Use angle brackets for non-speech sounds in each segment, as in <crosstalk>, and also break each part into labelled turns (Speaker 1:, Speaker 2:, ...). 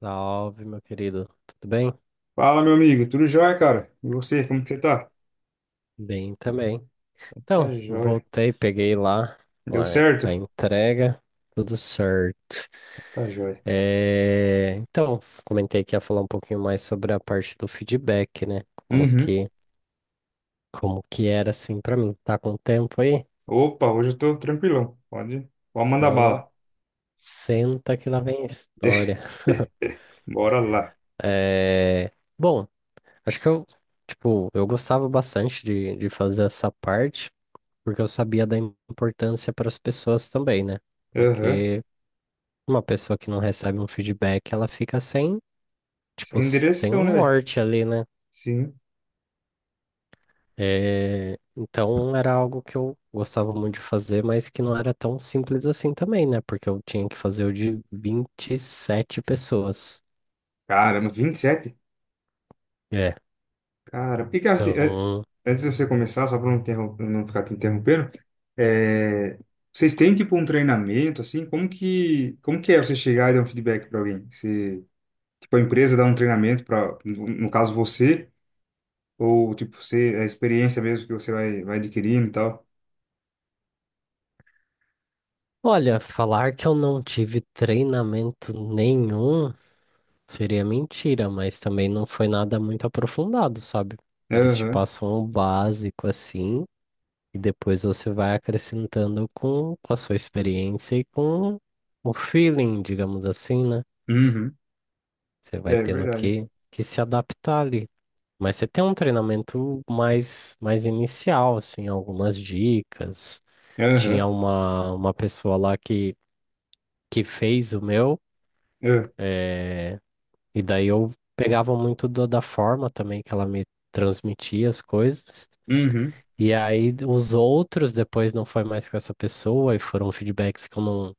Speaker 1: Salve, meu querido. Tudo bem?
Speaker 2: Fala, meu amigo. Tudo jóia, cara? E você, como que você tá?
Speaker 1: Bem também.
Speaker 2: Tá
Speaker 1: Então,
Speaker 2: jóia.
Speaker 1: voltei, peguei lá,
Speaker 2: Deu
Speaker 1: lá a
Speaker 2: certo?
Speaker 1: entrega, tudo certo.
Speaker 2: Tá jóia.
Speaker 1: É, então, comentei que ia falar um pouquinho mais sobre a parte do feedback, né? Como
Speaker 2: Uhum.
Speaker 1: que, como que era assim pra mim. Tá com tempo aí?
Speaker 2: Opa, hoje eu tô tranquilão. Pode mandar
Speaker 1: Então,
Speaker 2: bala.
Speaker 1: senta que lá vem a história. <laughs>
Speaker 2: <laughs> Bora lá.
Speaker 1: É, bom, acho que eu, tipo, eu gostava bastante de fazer essa parte. Porque eu sabia da importância para as pessoas também, né?
Speaker 2: Aham.
Speaker 1: Porque uma pessoa que não recebe um feedback, ela fica sem, tipo,
Speaker 2: Sem
Speaker 1: sem
Speaker 2: direção,
Speaker 1: um
Speaker 2: né, velho?
Speaker 1: norte ali, né?
Speaker 2: Sim.
Speaker 1: É, então era algo que eu gostava muito de fazer, mas que não era tão simples assim também, né? Porque eu tinha que fazer o de 27 pessoas.
Speaker 2: Caramba, 27?
Speaker 1: É,
Speaker 2: Cara, assim,
Speaker 1: então,
Speaker 2: antes de você começar, só pra não, não ficar te interrompendo, é, vocês têm, tipo, um treinamento, assim? Como que é você chegar e dar um feedback pra alguém? Você, tipo, a empresa dá um treinamento pra, no caso, você... Ou, tipo, ser a experiência mesmo que você vai adquirindo e tal.
Speaker 1: olha, falar que eu não tive treinamento nenhum. Seria mentira, mas também não foi nada muito aprofundado, sabe? Eles te
Speaker 2: Aham.
Speaker 1: passam o básico assim, e depois você vai acrescentando com a sua experiência e com o feeling, digamos assim, né?
Speaker 2: Uhum.
Speaker 1: Você vai
Speaker 2: É
Speaker 1: tendo
Speaker 2: verdade.
Speaker 1: que se adaptar ali. Mas você tem um treinamento mais inicial, assim, algumas dicas.
Speaker 2: Aham.
Speaker 1: Tinha uma pessoa lá que fez o meu.
Speaker 2: Ah.
Speaker 1: E daí eu pegava muito da forma também que ela me transmitia as coisas.
Speaker 2: Uhum.
Speaker 1: E aí os outros depois não foi mais com essa pessoa e foram feedbacks que eu não,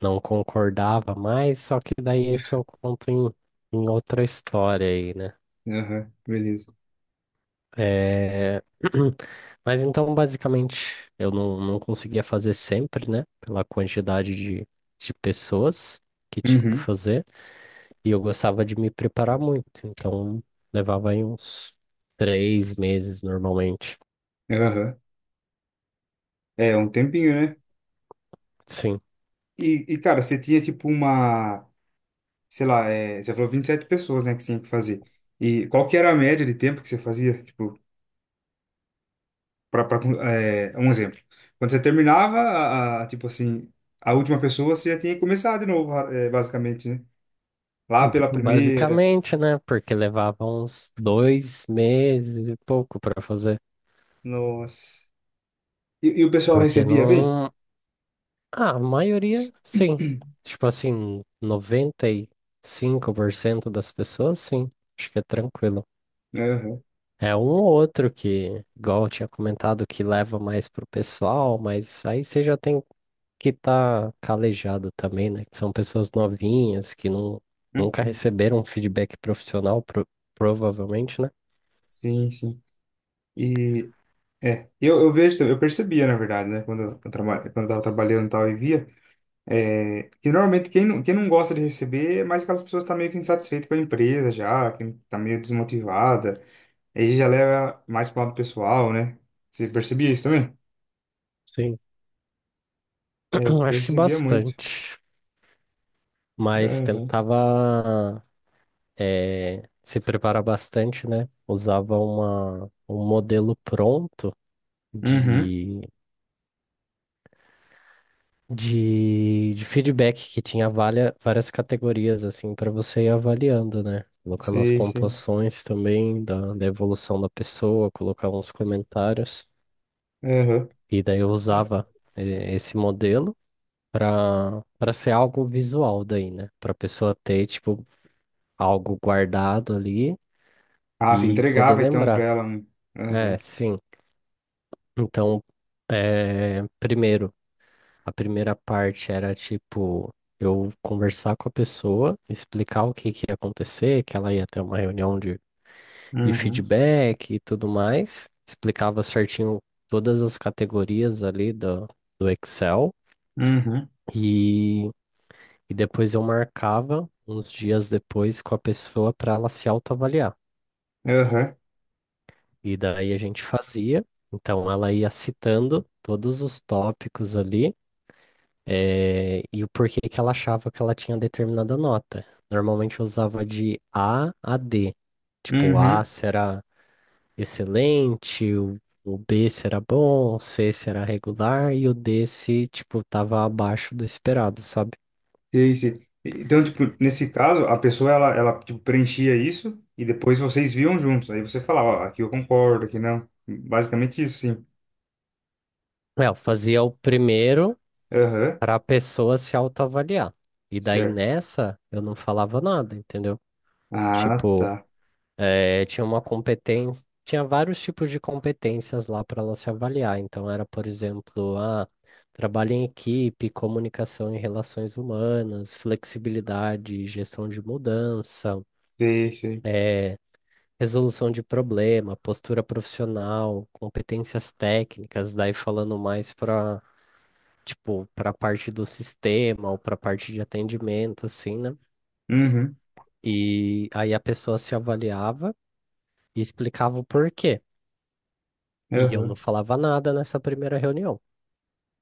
Speaker 1: não concordava mais. Só que daí esse eu conto em outra história aí, né?
Speaker 2: Aham. Beleza.
Speaker 1: É, <clears throat> mas então, basicamente, eu não conseguia fazer sempre, né? Pela quantidade de pessoas que tinha que
Speaker 2: Uhum.
Speaker 1: fazer. E eu gostava de me preparar muito, então levava aí uns 3 meses normalmente.
Speaker 2: Aham. É, um tempinho, né?
Speaker 1: Sim,
Speaker 2: Cara, você tinha, tipo, uma... Sei lá, é, você falou 27 pessoas, né, que você tinha que fazer. E qual que era a média de tempo que você fazia? Tipo, pra, é, um exemplo. Quando você terminava, tipo assim, a última pessoa, você já tinha que começar de novo, é, basicamente, né? Lá pela primeira.
Speaker 1: basicamente, né? Porque levava uns 2 meses e pouco para fazer.
Speaker 2: Nossa. E o pessoal
Speaker 1: Porque
Speaker 2: recebia bem?
Speaker 1: não. Ah, a maioria, sim. Tipo assim, 95% das pessoas, sim. Acho que é tranquilo.
Speaker 2: Aham.
Speaker 1: É um ou outro que, igual eu tinha comentado, que leva mais pro pessoal, mas aí você já tem que tá calejado também, né? Que são pessoas novinhas que não, nunca
Speaker 2: Uhum.
Speaker 1: receberam feedback profissional, provavelmente, né?
Speaker 2: Sim, sim. E é, eu vejo, também- eu percebia, na verdade, né, quando eu, traba, quando eu tava trabalhando e tal e via, é, que normalmente quem não gosta de receber é mais aquelas pessoas que estão meio que insatisfeitas com a empresa já, que tá meio desmotivada, aí já leva mais pro lado pessoal, né? Você percebia isso também?
Speaker 1: Sim.
Speaker 2: É, eu
Speaker 1: <clears throat> Acho que
Speaker 2: percebia muito.
Speaker 1: bastante, mas
Speaker 2: Aham.
Speaker 1: tentava se preparar bastante, né? Usava um modelo pronto
Speaker 2: Uhum.
Speaker 1: de de feedback que tinha várias categorias assim para você ir avaliando, né? Colocar nas
Speaker 2: Sim, sim.
Speaker 1: pontuações também da evolução da pessoa, colocar uns comentários.
Speaker 2: Aham.
Speaker 1: E daí eu usava esse modelo para ser algo visual daí, né? Para a pessoa ter tipo algo guardado ali
Speaker 2: Ah, se
Speaker 1: e poder
Speaker 2: entregava então pra
Speaker 1: lembrar.
Speaker 2: ela. Um.
Speaker 1: É,
Speaker 2: Aham.
Speaker 1: sim. Então, eh, primeiro a primeira parte era tipo eu conversar com a pessoa, explicar o que que ia acontecer, que ela ia ter uma reunião de
Speaker 2: Uhum.
Speaker 1: feedback e tudo mais. Explicava certinho todas as categorias ali do Excel
Speaker 2: Uhum.
Speaker 1: e, e depois eu marcava uns dias depois com a pessoa para ela se autoavaliar.
Speaker 2: Aham.
Speaker 1: E daí a gente fazia, então ela ia citando todos os tópicos ali, e o porquê que ela achava que ela tinha determinada nota. Normalmente eu usava de A a D. Tipo, A
Speaker 2: Uhum,
Speaker 1: será excelente, o B será bom, o C será regular e o D se, tipo, tava abaixo do esperado, sabe?
Speaker 2: sei, sei. Então, tipo, nesse caso, a pessoa, tipo, preenchia isso e depois vocês viam juntos. Aí você falava, ó, aqui eu concordo, aqui não. Basicamente isso, sim.
Speaker 1: É, eu fazia o primeiro
Speaker 2: Aham,
Speaker 1: para a pessoa se autoavaliar. E daí
Speaker 2: certo.
Speaker 1: nessa eu não falava nada, entendeu?
Speaker 2: Ah,
Speaker 1: Tipo,
Speaker 2: tá.
Speaker 1: É, tinha uma competência, tinha vários tipos de competências lá para ela se avaliar. Então, era, por exemplo, a trabalho em equipe, comunicação e relações humanas, flexibilidade, gestão de mudança,
Speaker 2: Sei, sei.
Speaker 1: é, resolução de problema, postura profissional, competências técnicas, daí falando mais para, tipo, para a parte do sistema ou para a parte de atendimento, assim, né?
Speaker 2: Uhum,
Speaker 1: E aí a pessoa se avaliava e explicava o porquê. E eu não
Speaker 2: aham,
Speaker 1: falava nada nessa primeira reunião,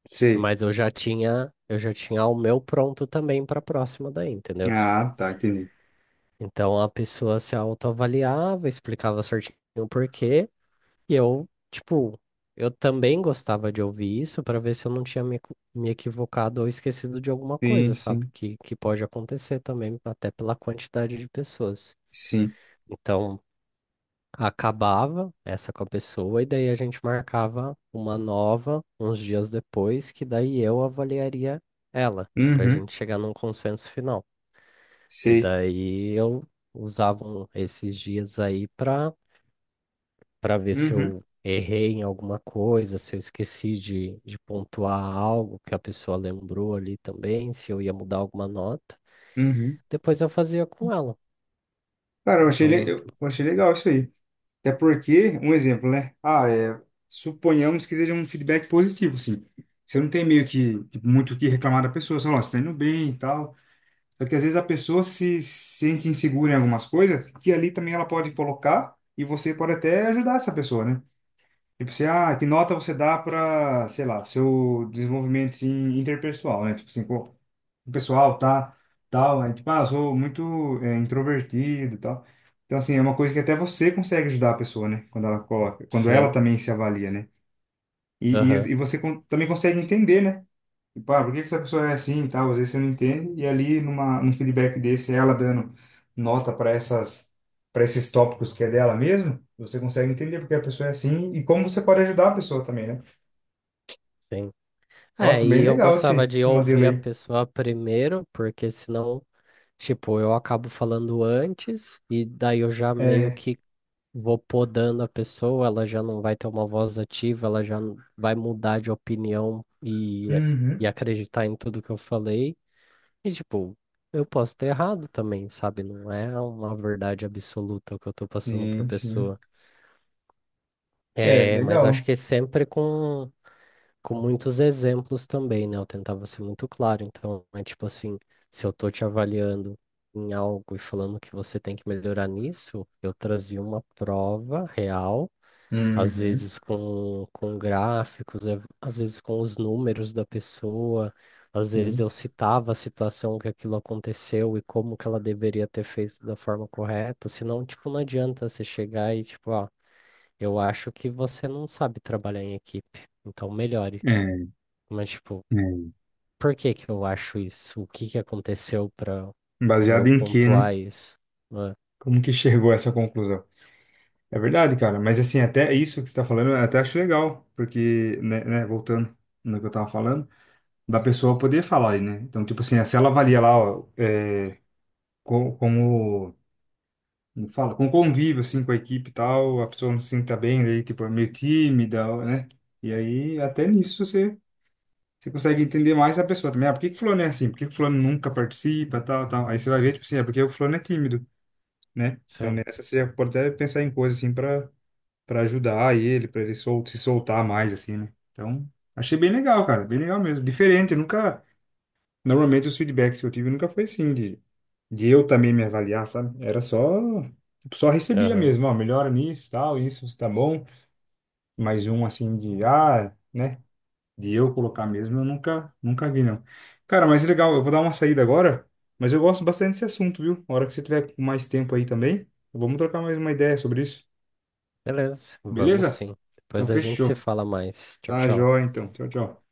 Speaker 2: sei.
Speaker 1: mas eu já tinha o meu pronto também para a próxima daí, entendeu?
Speaker 2: Ah, tá, entendi.
Speaker 1: Então a pessoa se autoavaliava, explicava certinho o porquê, e eu, tipo, eu também gostava de ouvir isso para ver se eu não tinha me equivocado ou esquecido de alguma
Speaker 2: Sim,
Speaker 1: coisa, sabe?
Speaker 2: sim,
Speaker 1: Que pode acontecer também, até pela quantidade de pessoas.
Speaker 2: sim.
Speaker 1: Então, acabava essa com a pessoa e daí a gente marcava uma nova uns dias depois, que daí eu avaliaria ela, para a
Speaker 2: Uhum,
Speaker 1: gente chegar num consenso final. E
Speaker 2: sei.
Speaker 1: daí eu usava esses dias aí para ver se
Speaker 2: Uhum,
Speaker 1: eu errei em alguma coisa, se eu esqueci de pontuar algo que a pessoa lembrou ali também, se eu ia mudar alguma nota.
Speaker 2: uhum.
Speaker 1: Depois eu fazia com ela.
Speaker 2: Cara,
Speaker 1: Então,
Speaker 2: eu achei legal isso aí. Até porque, um exemplo, né? Ah, é, suponhamos que seja um feedback positivo, assim. Você não tem meio que tipo, muito o que reclamar da pessoa, você fala, "Ó, você tá indo bem e tal." Só que às vezes a pessoa se sente insegura em algumas coisas, que ali também ela pode colocar e você pode até ajudar essa pessoa, né? Tipo, você, ah, que nota você dá para, sei lá, seu desenvolvimento assim, interpessoal, né? Tipo assim, pô, o pessoal tá, tal, aí tipo, ah, eu sou muito é, introvertido e tal. Então, assim, é uma coisa que até você consegue ajudar a pessoa, né? Quando ela coloca, quando ela
Speaker 1: sim,
Speaker 2: também se avalia, né? E, e,
Speaker 1: aham,
Speaker 2: e você também consegue entender, né? Tipo, ah, por que que essa pessoa é assim e tal? Às vezes você não entende, e ali num feedback desse, ela dando nota para essas, para esses tópicos que é dela mesmo, você consegue entender porque a pessoa é assim e como você pode ajudar a pessoa também, né?
Speaker 1: sim. É,
Speaker 2: Nossa,
Speaker 1: e
Speaker 2: bem
Speaker 1: eu
Speaker 2: legal
Speaker 1: gostava de
Speaker 2: esse modelo
Speaker 1: ouvir a
Speaker 2: aí.
Speaker 1: pessoa primeiro, porque senão, tipo, eu acabo falando antes e daí eu já meio
Speaker 2: É,
Speaker 1: que vou podando a pessoa, ela já não vai ter uma voz ativa, ela já vai mudar de opinião e
Speaker 2: uhum,
Speaker 1: acreditar em tudo que eu falei. E, tipo, eu posso ter errado também, sabe? Não é uma verdade absoluta o que eu tô passando pra
Speaker 2: sim, sim.
Speaker 1: pessoa.
Speaker 2: É,
Speaker 1: É, mas eu acho
Speaker 2: legal.
Speaker 1: que sempre com muitos exemplos também, né? Eu tentava ser muito claro. Então, é tipo assim, se eu tô te avaliando em algo e falando que você tem que melhorar nisso, eu trazia uma prova real, às
Speaker 2: Uhum,
Speaker 1: vezes com gráficos, às vezes com os números da pessoa, às
Speaker 2: sim.
Speaker 1: vezes eu citava a situação que aquilo aconteceu e como que ela deveria ter feito da forma correta, senão, tipo, não adianta você chegar e, tipo, ó, eu acho que você não sabe trabalhar em equipe, então melhore.
Speaker 2: É,
Speaker 1: Mas, tipo,
Speaker 2: é.
Speaker 1: por que que eu acho isso? O que que aconteceu pra eu
Speaker 2: Baseado em quê, né?
Speaker 1: pontuar isso? Ah,
Speaker 2: Como que chegou a essa conclusão? É verdade, cara, mas assim, até isso que você tá falando, eu até acho legal, porque, né, voltando no que eu tava falando, da pessoa poder falar aí, né? Então, tipo assim, se ela avalia lá, ó, é, co- como, como fala, com convívio, assim, com a equipe e tal, a pessoa não se sinta bem, daí, tipo, é meio tímida, né? E aí, até nisso, você consegue entender mais a pessoa também. Ah, por que que o fulano é assim? Por que que o fulano nunca participa, tal, tal? Aí você vai ver, tipo assim, é porque o fulano é tímido, né? Então
Speaker 1: sim.
Speaker 2: nessa você já pode até pensar em coisas assim pra para ajudar ele, pra ele sol se soltar mais, assim, né? Então, achei bem legal, cara. Bem legal mesmo. Diferente, eu nunca... Normalmente os feedbacks que eu tive nunca foi assim, de eu também me avaliar, sabe? Era só... tipo, só recebia
Speaker 1: Aham.
Speaker 2: mesmo, ó, melhora nisso, tal, isso, você tá bom. Mais um, assim, de, ah... né? De eu colocar mesmo, eu nunca vi, não. Cara, mas legal, eu vou dar uma saída agora, mas eu gosto bastante desse assunto, viu? A hora que você tiver com mais tempo aí também, vamos trocar mais uma ideia sobre isso,
Speaker 1: Beleza, vamos
Speaker 2: beleza?
Speaker 1: sim.
Speaker 2: Então,
Speaker 1: Depois a gente se
Speaker 2: fechou.
Speaker 1: fala mais. Tchau,
Speaker 2: Tá,
Speaker 1: tchau.
Speaker 2: joia, então. Tchau, tchau.